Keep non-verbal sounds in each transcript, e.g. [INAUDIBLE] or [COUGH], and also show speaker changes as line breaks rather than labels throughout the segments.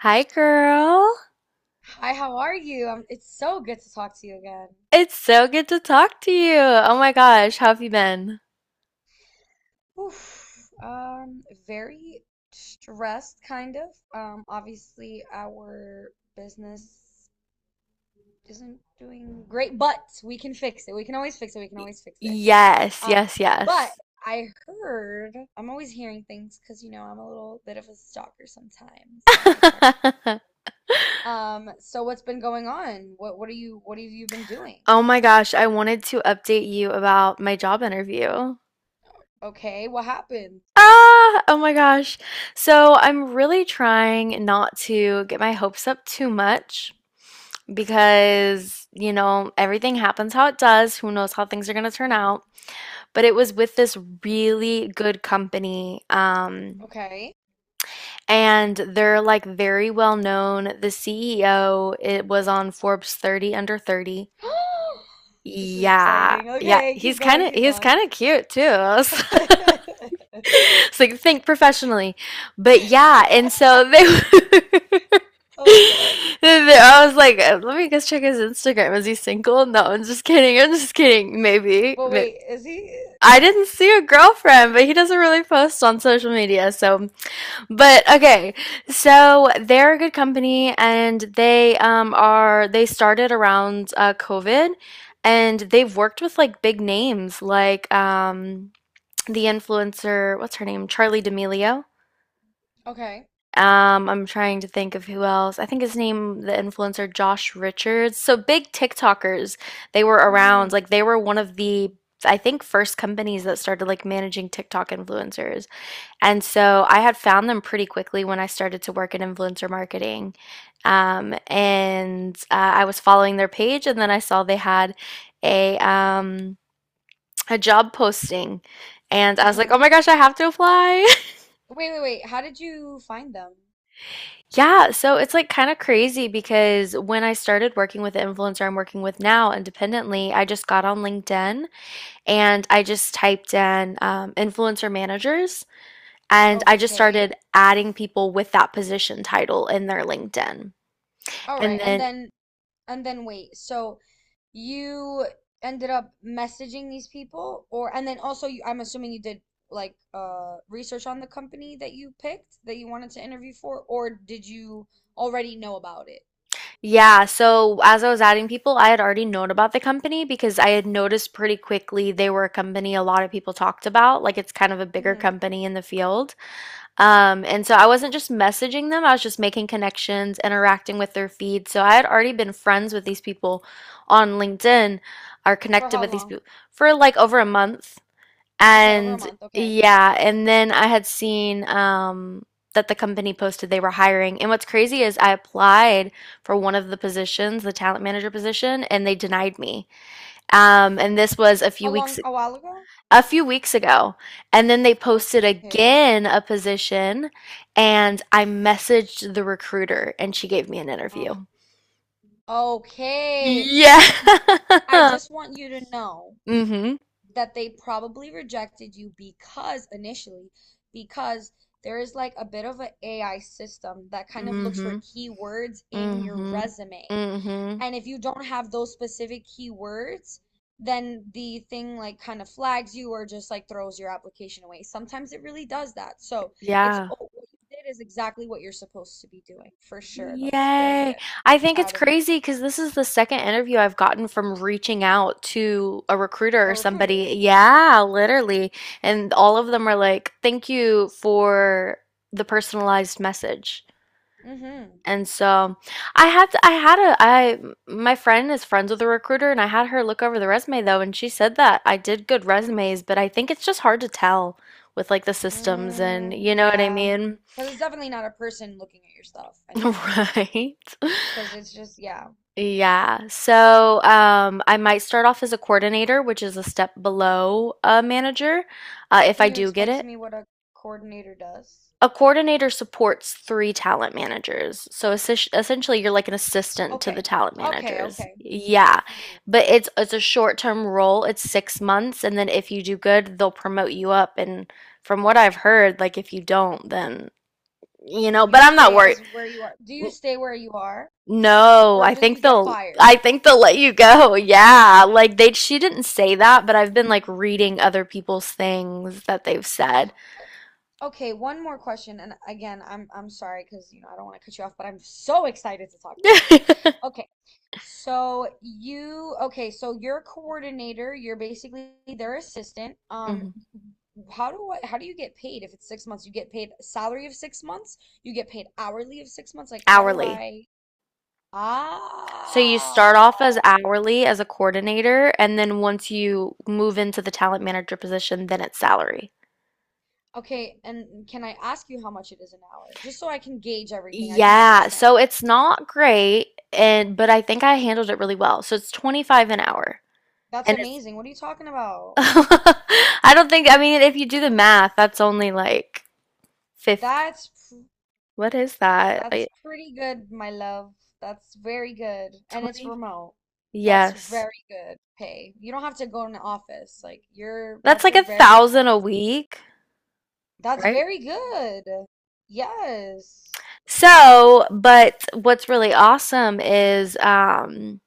Hi, girl.
Hi, how are you? It's so good to talk to you again.
It's so good to talk to you. Oh my gosh, how have you been?
Oof. Very stressed, kind of. Obviously our business isn't doing great, but we can fix it. We can always fix it. We can always fix it.
Yes,
Um,
yes, yes.
but I heard, I'm always hearing things because, I'm a little bit of a stalker sometimes, and I check
[LAUGHS]
up. So what's been going on? What are you what have you been doing?
Oh my gosh, I wanted to update you about my job interview.
Okay, what happened?
Ah, oh my gosh. So I'm really trying not to get my hopes up too much because everything happens how it does. Who knows how things are going to turn out?
Hmm.
But it was with this really good company. Um,
Okay.
and they're like very well known. The CEO, it was on Forbes 30 under 30.
[GASPS] This is
Yeah.
exciting.
Yeah,
Okay, keep
he's kind
going,
of
keep
he's
going.
kind of cute too. [LAUGHS]
[LAUGHS]
It's like think professionally. But yeah, and so they [LAUGHS]
Oh my God.
I was like, let me just check his Instagram. Is he single? No, I'm just kidding. I'm just kidding. Maybe.
But wait, is he
I didn't see a girlfriend, but he doesn't really post on social media, so but okay, so they're a good company and they started around COVID and they've worked with like big names like the influencer, what's her name? Charlie D'Amelio.
okay?
I'm trying to think of who else. I think his name, the influencer Josh Richards. So big TikTokers, they were
Mm-hmm.
around. Like they were one of the, I think, first companies that started like managing TikTok influencers. And so I had found them pretty quickly when I started to work in influencer marketing. And I was following their page, and then I saw they had a um, a job posting, and I was like, "Oh
Mm-hmm.
my gosh, I have to apply!" [LAUGHS]
Wait, wait, wait. How did you find them?
Yeah, so it's like kind of crazy because when I started working with the influencer I'm working with now independently, I just got on LinkedIn and I just typed in influencer managers. And I just started
Okay.
adding people with that position title in their LinkedIn.
All right.
And
And
then,
then and then wait. So you ended up messaging these people or and then also you, I'm assuming you did like research on the company that you picked that you wanted to interview for or did you already know about it?
yeah, so as I was adding people, I had already known about the company because I had noticed pretty quickly they were a company a lot of people talked about. Like it's kind of a bigger
Mm-hmm.
company in the field. And so I wasn't just messaging them, I was just making connections, interacting with their feed. So I had already been friends with these people on LinkedIn or
For
connected
how
with these
long?
people for like over a month.
Okay, over a
And
month. Okay.
yeah, and then I had seen that the company posted they were hiring. And what's crazy is I applied for one of the positions, the talent manager position, and they denied me. And this was a
A
few weeks
long, a while ago?
a few weeks ago. And then they posted
Okay.
again a position, and I messaged the recruiter, and she gave me an
Uh,
interview.
okay.
Yeah.
But y- I just
[LAUGHS]
want you to know
Mm-hmm.
that they probably rejected you because initially, because there is like a bit of an AI system that kind of looks
Mm-hmm.
for keywords in your
Mm-hmm.
resume.
Mm-hmm.
And if you don't have those specific keywords, then the thing like kind of flags you or just like throws your application away. Sometimes it really does that. So it's
Yeah.
oh, what you did is exactly what you're supposed to be doing for sure. That's very
Yay.
good.
I
Very
think it's
proud of you.
crazy because this is the second interview I've gotten from reaching out to a recruiter
A
or
recruiter.
somebody. Yeah, literally. And all of them are like, thank you for the personalized message.
Mm-hmm.
And so I had a I my friend is friends with a recruiter and I had her look over the resume though and she said that I did good resumes, but I think it's just hard to tell with like the systems and
Mm,
you know what I
yeah.
mean?
Because it's definitely not a person looking at your stuff anymore.
[LAUGHS] Right.
Because it's just, yeah.
Yeah. So, I might start off as a coordinator, which is a step below a manager, if I
Can you
do get
explain to
it.
me what a coordinator does?
A coordinator supports three talent managers. So essentially, you're like an assistant to the
Okay.
talent
Okay.
managers.
Okay.
Yeah.
Hmm.
But it's a short-term role. It's 6 months, and then if you do good, they'll promote you up. And from what I've heard, like if you don't, then you know,
You
but I'm not
stay
worried.
as where you are. Do you stay where you are,
No,
or
I
do
think
you get
they'll
fired?
I think they'll let you go. [LAUGHS] Yeah. Like they she didn't say that, but I've been like
Mm,
reading other people's things that they've said.
okay, one more question, and again, I'm sorry because you know I don't want to cut you off, but I'm so excited to talk about this.
[LAUGHS]
Okay, so you okay, so your coordinator, you're basically their assistant.
Mhm.
How do you get paid if it's 6 months? You get paid salary of 6 months? You get paid hourly of 6 months? Like how do
Hourly.
I?
So you start
Ah,
off as hourly as a coordinator, and then once you move into the talent manager position, then it's salary.
okay, and can I ask you how much it is an hour? Just so I can gauge everything, I can
Yeah, so
understand.
it's not great, and but I think I handled it really well. So it's 25 an hour.
That's
And it's
amazing. What are you talking about?
[LAUGHS] I don't think I mean if you do the math, that's only like 50.
That's pr-
What is that?
that's
Like
pretty good, my love. That's very good. And it's
20?
remote. That's
Yes.
very good pay. You don't have to go in the office. Like you're
That's
that's
like
a
a
very
thousand a
amazing.
week,
That's
right?
very good. Yes.
So, but what's really awesome is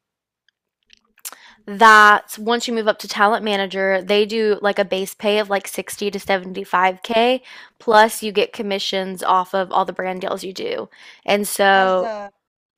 that once you move up to talent manager, they do like a base pay of like 60 to 75K plus you get commissions off of all the brand deals you do. And
As
so
a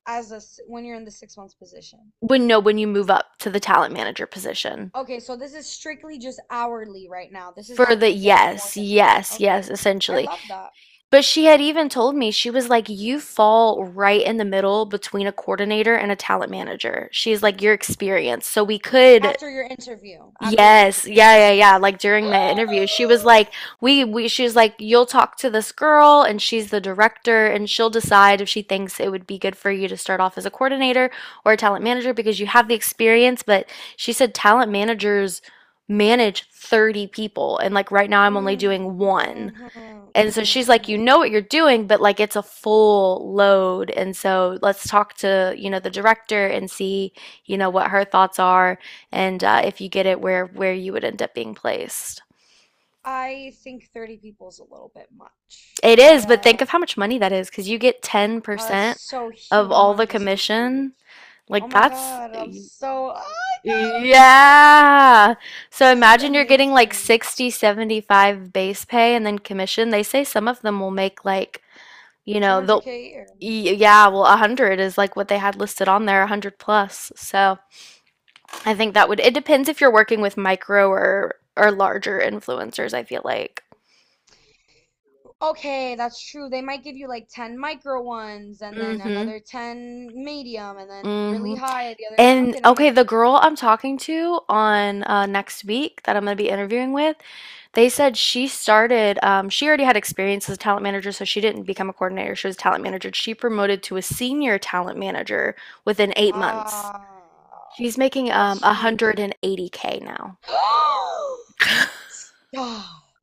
when you're in the 6 months position.
when, no, when you move up to the talent manager position.
Okay, so this is strictly just hourly right now. This is
For
not
the
going to get more
yes,
than that.
yes, yes,
Okay. I
essentially.
love that.
But she had even told me, she was like, "You fall right in the middle between a coordinator and a talent manager." She's like, "Your experience. So we could."
After your
Yes,
interview, she
yeah,
said
yeah, yeah.
this.
Like during my interview, she was like,
[GASPS]
"We, we." She was like, "You'll talk to this girl, and she's the director, and she'll decide if she thinks it would be good for you to start off as a coordinator or a talent manager because you have the experience." But she said talent managers manage 30 people, and like right now, I'm only
Mm,
doing one.
mhm, mhm,
And so she's like, you
mhm.
know what you're doing, but like it's a full load. And so let's talk to the director and see what her thoughts are and if you get it where you would end up being placed.
I think 30 people is a little bit much,
It
but
is, but think of how much money that is because you get
oh, that's
10%
so
of all the
humongously huge.
commission.
Oh
Like
my
that's
God, I'm so, oh my God, I'm so,
yeah. So
this is
imagine you're getting like
amazing.
60, 75 base pay and then commission. They say some of them will make like You know, the y-
200K a year.
yeah, well, 100 is like what they had listed on there, 100 plus. So I think that would, it depends if you're working with micro or larger influencers, I feel like.
Okay, that's true. They might give you like 10 micro ones and then
Mm-hmm.
another 10 medium and then really
Mm-hmm.
high the other 10.
And
Okay, that
okay,
makes
the
sense.
girl I'm talking to on next week that I'm going to be interviewing with, they said she already had experience as a talent manager, so she didn't become a coordinator. She was a talent manager. She promoted to a senior talent manager within 8 months.
Ah,
She's making
that's huge.
180K now.
[GASPS] Stop.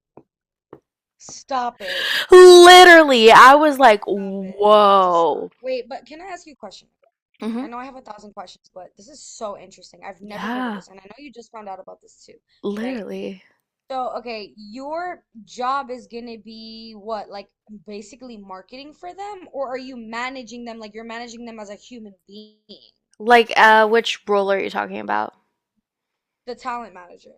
Stop it.
Literally, I was like,
Stop it. You have to stop.
whoa.
Wait, but can I ask you a question?
Hmm.
I know I have a thousand questions, but this is so interesting. I've never heard of
Yeah,
this, and I know you just found out about this too, right?
literally.
So, okay, your job is gonna be what, like basically marketing for them, or are you managing them like you're managing them as a human being,
Like, which role are you talking about?
the talent manager?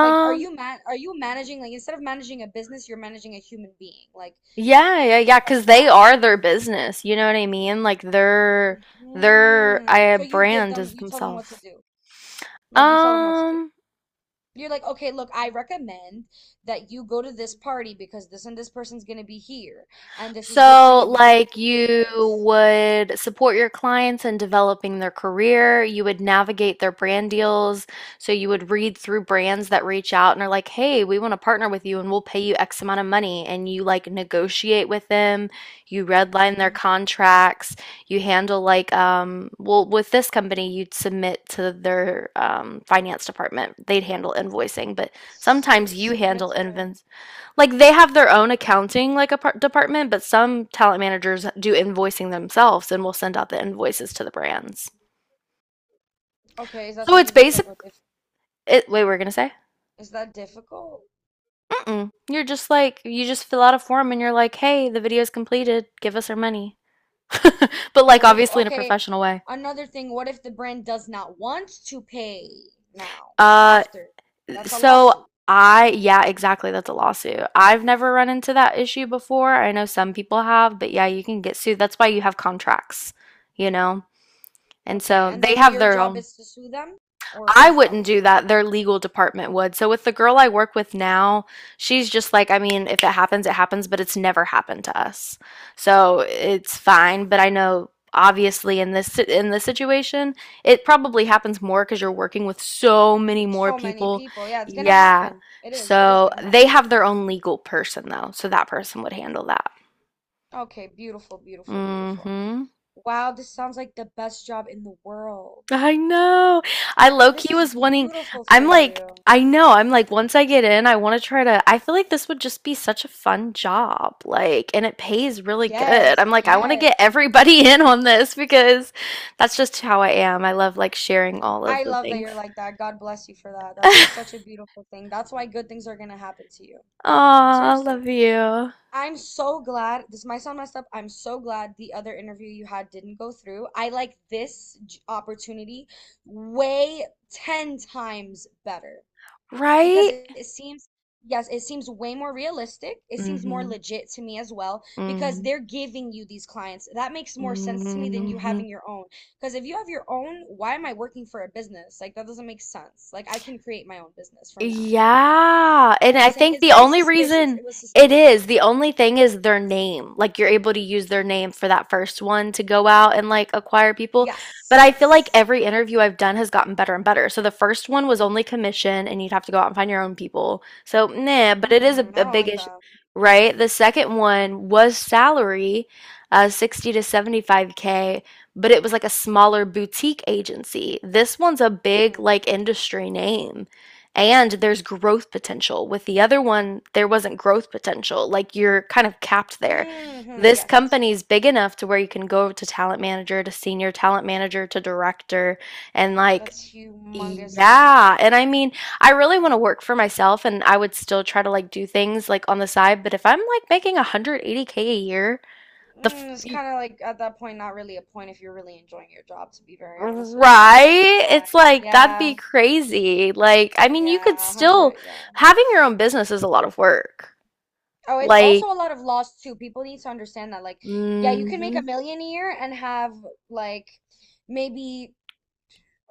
Like, are you managing, like, instead of managing a business, you're managing a human being? Like,
yeah, yeah,
is it
yeah,
like
because they
that?
are their business. You know what I mean? Like their
Hmm.
I
So
brand is
you tell them what to
themselves.
do. Like you tell them what to do.
Um,
You're like, okay, look, I recommend that you go to this party because this and this person's gonna be here, and this is good for
So,
you because you
like,
could say
you
this.
would support your clients in developing their career. You would navigate their brand deals. So, you would read through brands that reach out and are like, hey, we want to partner with you and we'll pay you X amount of money. And you like negotiate with them. You redline their
Mm.
contracts. You handle, like, well, with this company, you'd submit to their finance department. They'd handle invoicing, but sometimes you
Submit
handle
to their.
invoicing like they have their own accounting like a department, but some talent managers do invoicing themselves and will send out the invoices to the brands.
Okay, is that
So it's
something that's like
basic.
a diff
It, wait, we're gonna say?
is that difficult?
Mm-mm. You're just like you just fill out a form and you're like, hey, the video's completed. Give us our money, [LAUGHS] but like
What if,
obviously in a
okay,
professional way.
another thing, what if the brand does not want to pay now
Uh,
after? That's a
so
lawsuit.
I yeah, exactly. That's a lawsuit. I've never run into that issue before. I know some people have, but yeah, you can get sued. That's why you have contracts, you know. And
Okay,
so
and
they
then
have
your
their
job
own.
is to sue them? Or
I
whose job
wouldn't
is
do
it?
that. Their legal department would. So with the girl I work with now, she's just like, I mean, if it happens, it happens, but it's never happened to us. So it's fine, but I know obviously in this situation, it probably happens more cuz you're working with so many more
So many
people.
people. Yeah, it's gonna
Yeah.
happen. It is. It is
So
gonna
they
happen.
have their own legal person though. So that person would handle that.
Okay, beautiful, beautiful, beautiful.
Mhm.
Wow, this sounds like the best job in the world.
I know. I low
This
key
is
was wanting.
beautiful for
I'm like,
you.
I know. I'm like, once I get in, I want to try to. I feel like this would just be such a fun job. Like, and it pays really good. I'm
Yes,
like, I want to get
yes.
everybody [LAUGHS] in on this because that's just how I am. I love like sharing all of
I
the
love that you're
things.
like that. God bless you for that. That's just such
[LAUGHS]
a beautiful thing. That's why good things are gonna happen to you.
Aw,
Seriously.
love you.
I'm so glad this might sound messed up. I'm so glad the other interview you had didn't go through. I like this opportunity way 10 times better, because
Right?
it seems, yes, it seems way more realistic. It seems more
Mm-hmm.
legit to me as well, because
Mm-hmm.
they're giving you these clients. That makes more sense to me than you
Mm-hmm.
having your own, because if you have your own, why am I working for a business? Like, that doesn't make sense. Like, I can create my own business from that,
Yeah.
you know
And
what I'm
I
saying?
think
It's very suspicious. It was suspicious.
the only thing is their name. Like you're able to use their name for that first one to go out and like acquire people. But
Yes,
I feel like
yes.
every interview I've done has gotten better and better. So the first one was only commission and you'd have to go out and find your own people. So, nah, but it is a,
Mm,
a
I don't
big
like
issue,
that.
right? The second one was salary, 60 to 75K, but it was like a smaller boutique agency. This one's a big
Mm-hmm.
like industry name and there's growth potential. With the other one, there wasn't growth potential. Like you're kind of capped there.
Mm-hmm.
This
Yes, yes, yes.
company's big enough to where you can go to talent manager, to senior talent manager, to director, and like,
That's humongously
yeah. And
huge.
I mean, I really want to work for myself and I would still try to like do things like on the side, but if I'm like making 180K a year, the f-
Mm, it's
y-
kind of like at that point, not really a point if you're really enjoying your job, to be very honest with you. I'm not gonna
right? It's
lie.
like that'd be
Yeah,
crazy. Like, I mean, you could
yeah,
still
100, yeah.
having your own business is a lot of work.
Oh, it's
Like,
also a lot of loss too. People need to understand that. Like, yeah, you can make a
hmm
million a year and have like maybe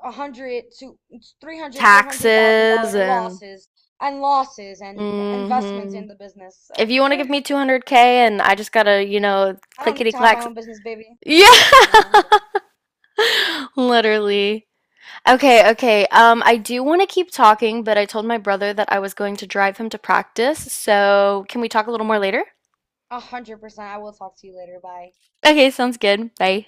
100 to 300, four hundred thousand
taxes
dollar
and
losses and losses and investments
hmm
in the business. So,
if you want to give me 200K and I just gotta
I don't need
clickety
to have my
clacks.
own business, baby.
Yeah,
Yeah,
[LAUGHS] literally. Okay, okay. I do want to keep talking, but I told my brother that I was going to drive him to practice. So, can we talk a little more later?
100%. I will talk to you later. Bye.
Okay, sounds good. Bye.